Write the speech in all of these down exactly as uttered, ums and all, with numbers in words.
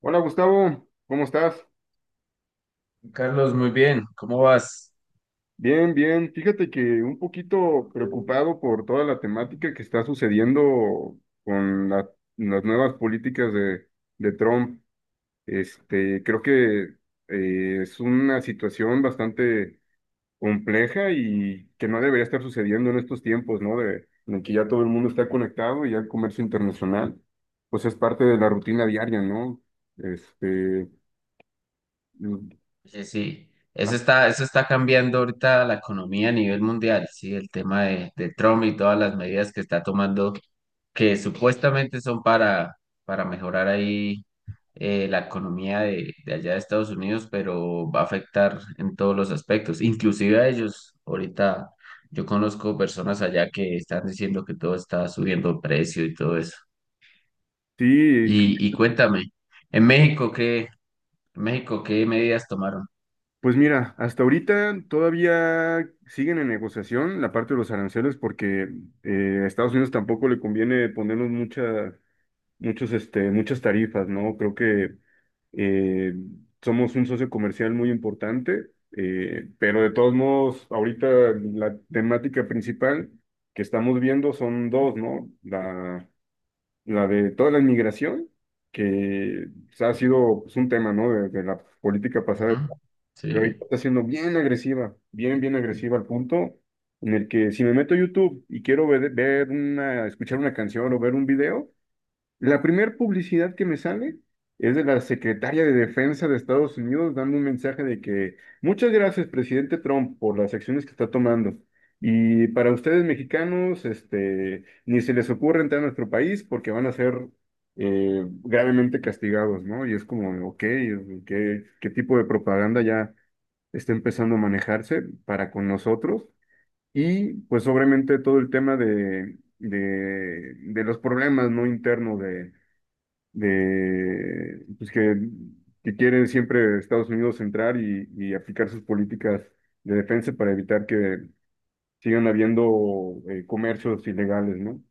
Hola Gustavo, ¿cómo estás? Carlos, muy bien, ¿cómo vas? Bien, bien. Fíjate que un poquito preocupado por toda la temática que está sucediendo con la- las nuevas políticas de, de Trump. Este, creo que eh, es una situación bastante compleja y que no debería estar sucediendo en estos tiempos, ¿no? De, en el que ya todo el mundo está conectado y ya el comercio internacional, pues es parte de la rutina diaria, ¿no? Este, mm, Sí, sí, ah, eso está, eso está cambiando ahorita la economía a nivel mundial, sí, el tema de, de Trump y todas las medidas que está tomando, que supuestamente son para, para mejorar ahí eh, la economía de, de allá de Estados Unidos, pero va a afectar en todos los aspectos, inclusive a ellos. Ahorita yo conozco personas allá que están diciendo que todo está subiendo de precio y todo eso. Sí. Y, y cuéntame, en México, ¿qué? México, ¿qué medidas tomaron? Pues mira, hasta ahorita todavía siguen en negociación la parte de los aranceles porque eh, a Estados Unidos tampoco le conviene ponernos mucha- muchos, este, muchas tarifas, ¿no? Creo que eh, somos un socio comercial muy importante, eh, pero de todos modos, ahorita la temática principal que estamos viendo son dos, ¿no? La, la de toda la inmigración, que ha sido pues, un tema, ¿no? de de la política Ujú. pasada, pero ahorita Sí, está siendo bien agresiva, bien, bien agresiva al punto en el que si me meto a YouTube y quiero ver, ver una, escuchar una canción o ver un video, la primera publicidad que me sale es de la secretaria de Defensa de Estados Unidos dando un mensaje de que muchas gracias, presidente Trump, por las acciones que está tomando. Y para ustedes mexicanos, este, ni se les ocurre entrar a nuestro país porque van a ser eh, gravemente castigados, ¿no? Y es como, ok, ¿qué, ¿qué tipo de propaganda ya está empezando a manejarse para con nosotros? Y pues obviamente todo el tema de, de, de los problemas no internos de, de pues que, que quiere siempre Estados Unidos entrar y, y aplicar sus políticas de defensa para evitar que sigan habiendo eh, comercios ilegales, ¿no?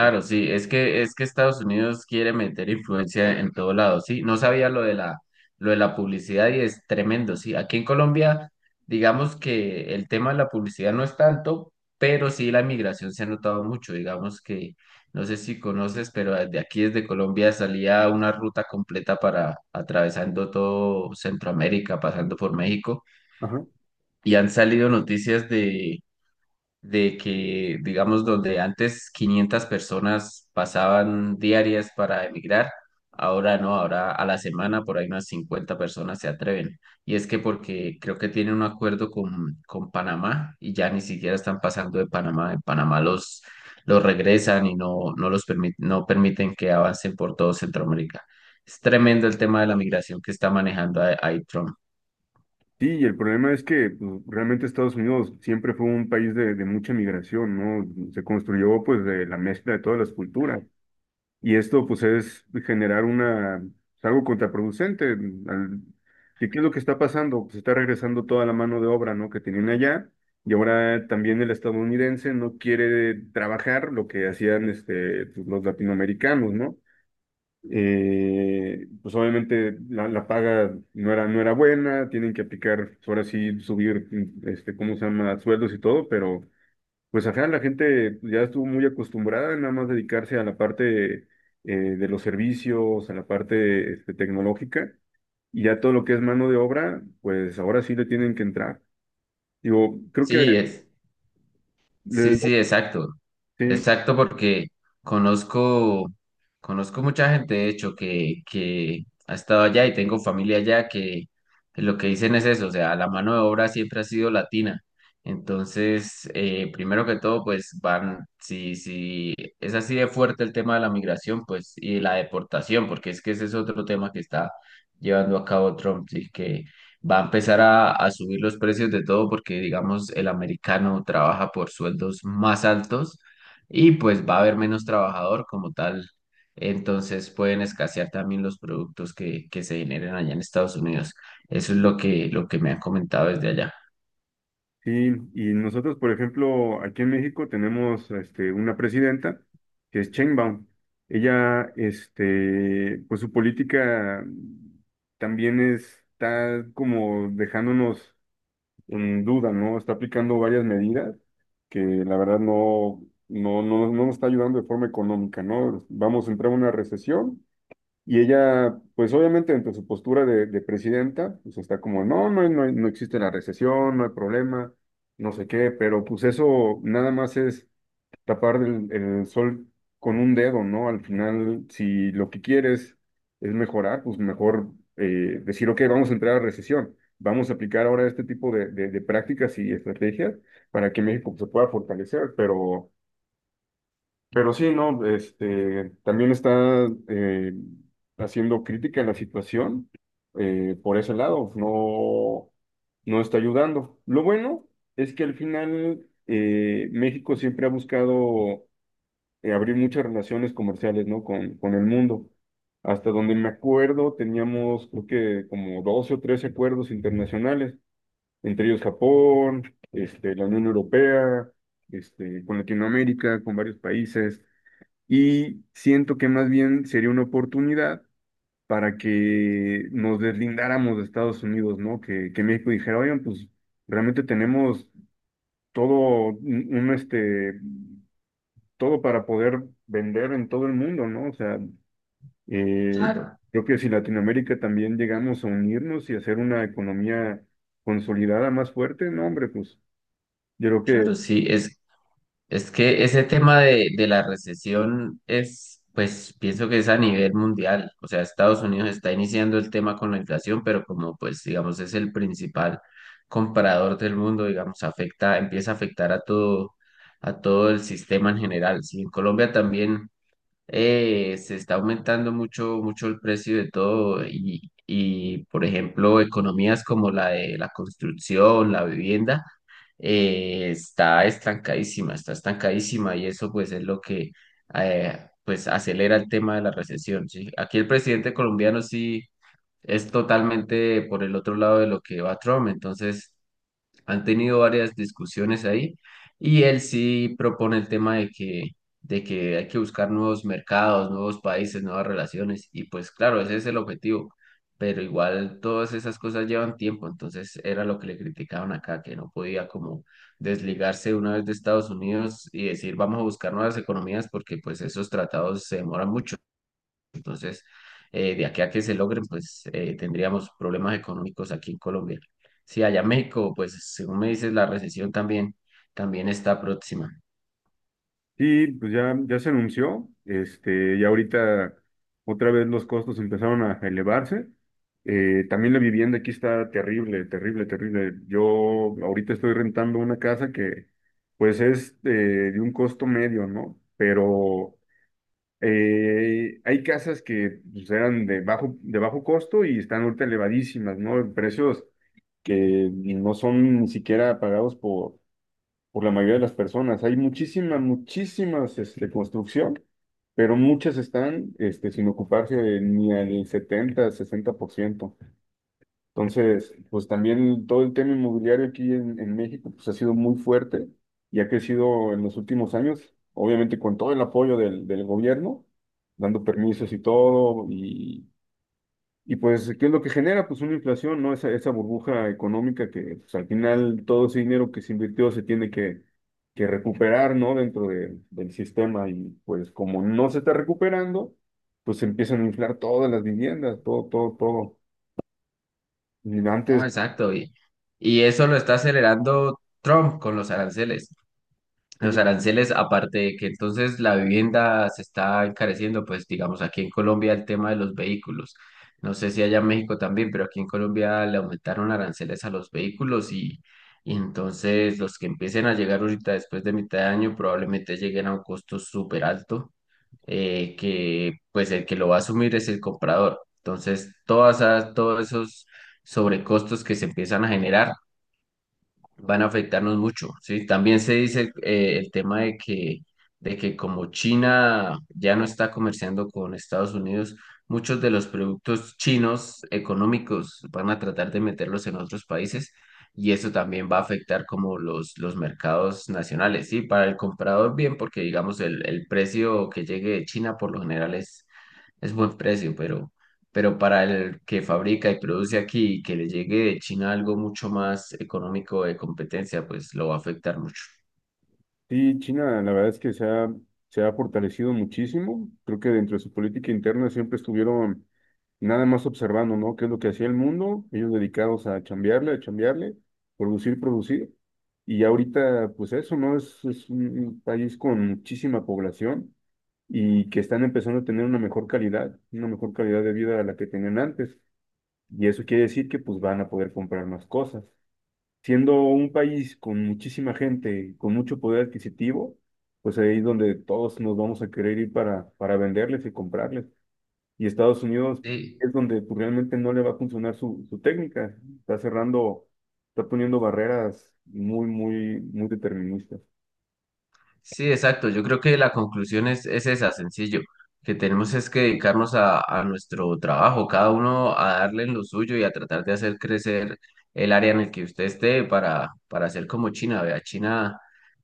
Eh, sí, es que es que Estados Unidos quiere meter influencia en todo lado, sí, no sabía lo de la lo de la publicidad y es tremendo, sí. Aquí en Colombia, digamos que el tema de la publicidad no es tanto, pero sí la migración se ha notado mucho, digamos que no sé si conoces, pero de aquí desde Colombia salía una ruta completa para atravesando todo Centroamérica, pasando por México Ajá. y han salido noticias de de que, digamos, donde antes quinientas personas pasaban diarias para emigrar, ahora no, ahora a la semana por ahí unas cincuenta personas se atreven. Y es que porque creo que tienen un acuerdo con, con Panamá y ya ni siquiera están pasando de Panamá. En Panamá los, los regresan y no, no los permit- no permiten que avancen por todo Centroamérica. Es tremendo el tema de la migración que está manejando ahí ahí Trump. Sí, y el problema es que pues, realmente Estados Unidos siempre fue un país de, de mucha migración, ¿no? Se construyó pues de la mezcla de todas las culturas. Y esto pues es generar una, es algo contraproducente. Mm, al- ¿qué, qué es lo que está pasando? Pues está regresando toda la mano de obra, ¿no? Que tenían allá y ahora también el estadounidense no quiere trabajar lo que hacían este, pues, los latinoamericanos, ¿no? Eh, pues obviamente la, la paga no era, no era buena, tienen que aplicar, pues, ahora sí subir, mm, este, ¿cómo se llama? Sueldos y todo, pero pues ajá, la gente ya estuvo muy acostumbrada a nada más dedicarse a la parte eh, de los servicios, a la parte este, tecnológica, y ya todo lo que es mano de obra, pues ahora sí le tienen que entrar. Digo, creo que Sí, es. Sí, le- sí, exacto. sí, Exacto, porque conozco, conozco mucha gente, de hecho, que, que ha estado allá y tengo familia allá que lo que dicen es eso, o sea, la mano de obra siempre ha sido latina. Entonces, eh, primero que todo, pues van, si, si es así de fuerte el tema de la migración, pues, y la deportación, porque es que ese es otro tema que está llevando a cabo Trump, sí, que va a empezar a, a subir los precios de todo porque, digamos, el americano trabaja por sueldos más altos y pues va a haber menos trabajador como tal. Entonces pueden escasear también los productos que, que se generen allá en Estados Unidos. Eso es lo que, lo que me han comentado desde allá. sí, y nosotros, por ejemplo, aquí en México tenemos este, una presidenta que es Sheinbaum. Ella, este, pues su política también está como dejándonos en duda, ¿no? Está aplicando varias medidas que la verdad no, no, no, no nos está ayudando de forma económica, ¿no? Vamos a entrar en una recesión y ella, pues obviamente, entre su postura de, de presidenta, pues está como, no, no, no, no existe la recesión, no hay problema, no sé qué, pero pues eso nada más es tapar el, el sol con un dedo, ¿no? Al final, si lo que quieres es mejorar, pues mejor eh, decir, ok, vamos a entrar a recesión, vamos a aplicar ahora este tipo de, de- de prácticas y estrategias para que México se pueda fortalecer, pero, pero sí, ¿no? Este, también está eh, haciendo crítica a la situación eh, por ese lado, no, no está ayudando. Lo bueno es que al final eh, México siempre ha buscado eh, abrir muchas relaciones comerciales, ¿no? Con, con el mundo. Hasta donde me acuerdo, teníamos creo que como doce o trece acuerdos internacionales, entre ellos Japón, este, la Unión Europea, este, con Latinoamérica, con varios países, y siento que más bien sería una oportunidad para que nos deslindáramos de Estados Unidos, ¿no? Que, que México dijera, oigan, pues realmente tenemos todo un, un, este, todo para poder vender en todo el mundo, ¿no? O sea, Eh, Claro, creo que si Latinoamérica también llegamos a unirnos y hacer una economía consolidada más fuerte, no, hombre, pues yo creo que claro, sí, es, Es que ese tema de, de la recesión es, pues pienso que es a nivel mundial. O sea, Estados Unidos está iniciando el tema con la inflación, pero como pues digamos es el principal comprador del mundo, digamos, afecta, empieza a afectar a todo, a todo el sistema en general. Sí, en Colombia también eh, se está aumentando mucho, mucho el precio de todo y, y, por ejemplo, economías como la de la construcción, la vivienda, eh, está estancadísima, está estancadísima y eso pues es lo que eh, pues acelera el tema de la recesión, ¿sí? Aquí el presidente colombiano sí es totalmente por el otro lado de lo que va Trump, entonces han tenido varias discusiones ahí y él sí propone el tema de que, de que hay que buscar nuevos mercados, nuevos países, nuevas relaciones y pues claro, ese es el objetivo, pero igual todas esas cosas llevan tiempo, entonces era lo que le criticaban acá, que no podía como desligarse una vez de Estados Unidos y decir vamos a buscar nuevas economías porque pues esos tratados se demoran mucho. Entonces, eh, de aquí a que se logren, pues eh, tendríamos problemas económicos aquí en Colombia. Sí, allá en México, pues según me dices, la recesión también, también está próxima. sí, pues ya, ya se anunció, este, ya ahorita otra vez los costos empezaron a elevarse. Eh, también la vivienda aquí está terrible, terrible, terrible. Yo ahorita estoy rentando una casa que pues es eh, de un costo medio, ¿no? Pero Eh, hay casas que pues, eran de bajo, de bajo costo y están ahorita elevadísimas, ¿no? En precios que no son ni siquiera pagados por, por la mayoría de las personas. Hay muchísimas, muchísimas este, construcción, pero muchas están este, sin ocuparse de ni al setenta, sesenta por ciento. Entonces, pues también todo el tema inmobiliario aquí en, en México pues ha sido muy fuerte y ha crecido en los últimos años, obviamente con todo el apoyo del, del gobierno, dando permisos y todo, y, y pues, ¿qué es lo que genera? Pues una inflación, ¿no? Esa, esa burbuja económica que pues, al final todo ese dinero que se invirtió se tiene que, que recuperar, ¿no? Dentro de- del sistema y pues como no se está recuperando, pues se empiezan a inflar todas las viviendas, todo, todo, todo. Y Ah, antes... exacto. Y, y eso lo está acelerando Trump con los aranceles. sí, Los aranceles, aparte de que entonces la vivienda se está encareciendo, pues digamos aquí en Colombia el tema de los vehículos. No sé si allá en México también, pero aquí en Colombia le aumentaron aranceles a los vehículos y, y entonces los que empiecen a llegar ahorita después de mitad de año probablemente lleguen a un costo súper alto, eh, que pues el que lo va a asumir es el comprador. Entonces todas esas- todos esos sobrecostos que se empiezan a generar van a afectarnos mucho, ¿sí? También se dice eh, el tema de que, de que como China ya no está comerciando con Estados Unidos, muchos de los productos chinos económicos van a tratar de meterlos en otros países y eso también va a afectar como los, los mercados nacionales, ¿sí? Para el comprador bien, porque digamos el, el precio que llegue de China por lo general es, es buen precio, pero pero para el que fabrica y produce aquí, y que le llegue de China algo mucho más económico de competencia, pues lo va a afectar mucho. sí, China, la verdad es que se ha, se ha fortalecido muchísimo. Creo que dentro de su política interna siempre estuvieron nada más observando, ¿no? ¿Qué es lo que hacía el mundo? Ellos dedicados a chambearle, a chambearle, producir, producir. Y ahorita, pues eso, ¿no? Es, es un un país con muchísima población y que están empezando a tener una mejor calidad, una mejor calidad de vida a la que tenían antes. Y eso quiere decir que pues van a poder comprar más cosas siendo un país con muchísima gente, con mucho poder adquisitivo, pues ahí es donde todos nos vamos a querer ir para, para venderles y comprarles. Y Estados Unidos Sí, es donde pues, realmente no le va a funcionar su, su técnica. Está cerrando, está poniendo barreras muy, muy, muy deterministas. sí, exacto. Yo creo que la conclusión es, es esa, sencillo, que tenemos es que dedicarnos a, a nuestro trabajo, cada uno a darle en lo suyo y a tratar de hacer crecer el área en el que usted esté para, para hacer como China. Vea, China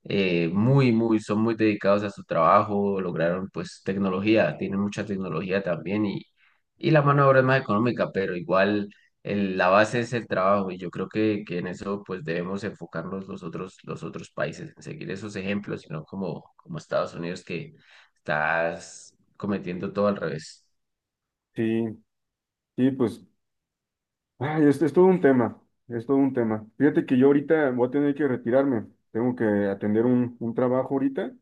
eh, muy, muy, son muy dedicados a su trabajo, lograron pues tecnología, tienen mucha tecnología también y, y la mano de obra es más económica, pero igual el- la base es el trabajo y yo creo que, que en eso pues debemos enfocarnos los otros, los otros países, en seguir esos ejemplos, sino como, como Estados Unidos que estás cometiendo todo al revés. Sí, sí, pues ay, es, es todo un tema, es todo un tema. Fíjate que yo ahorita voy a tener que retirarme, tengo que atender un, un trabajo ahorita,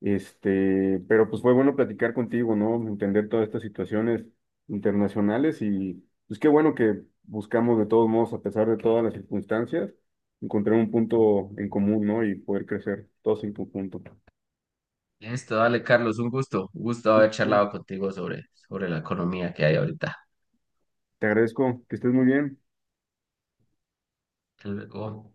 este, pero pues fue bueno platicar contigo, ¿no? Entender todas estas situaciones internacionales y pues qué bueno que buscamos de todos modos, a pesar de todas las circunstancias, encontrar un punto en común, ¿no? Y poder crecer todos en conjunto. Listo, dale Carlos, un gusto, un gusto haber charlado contigo sobre, sobre la economía que hay ahorita. Te agradezco, que estés muy bien. Hasta luego.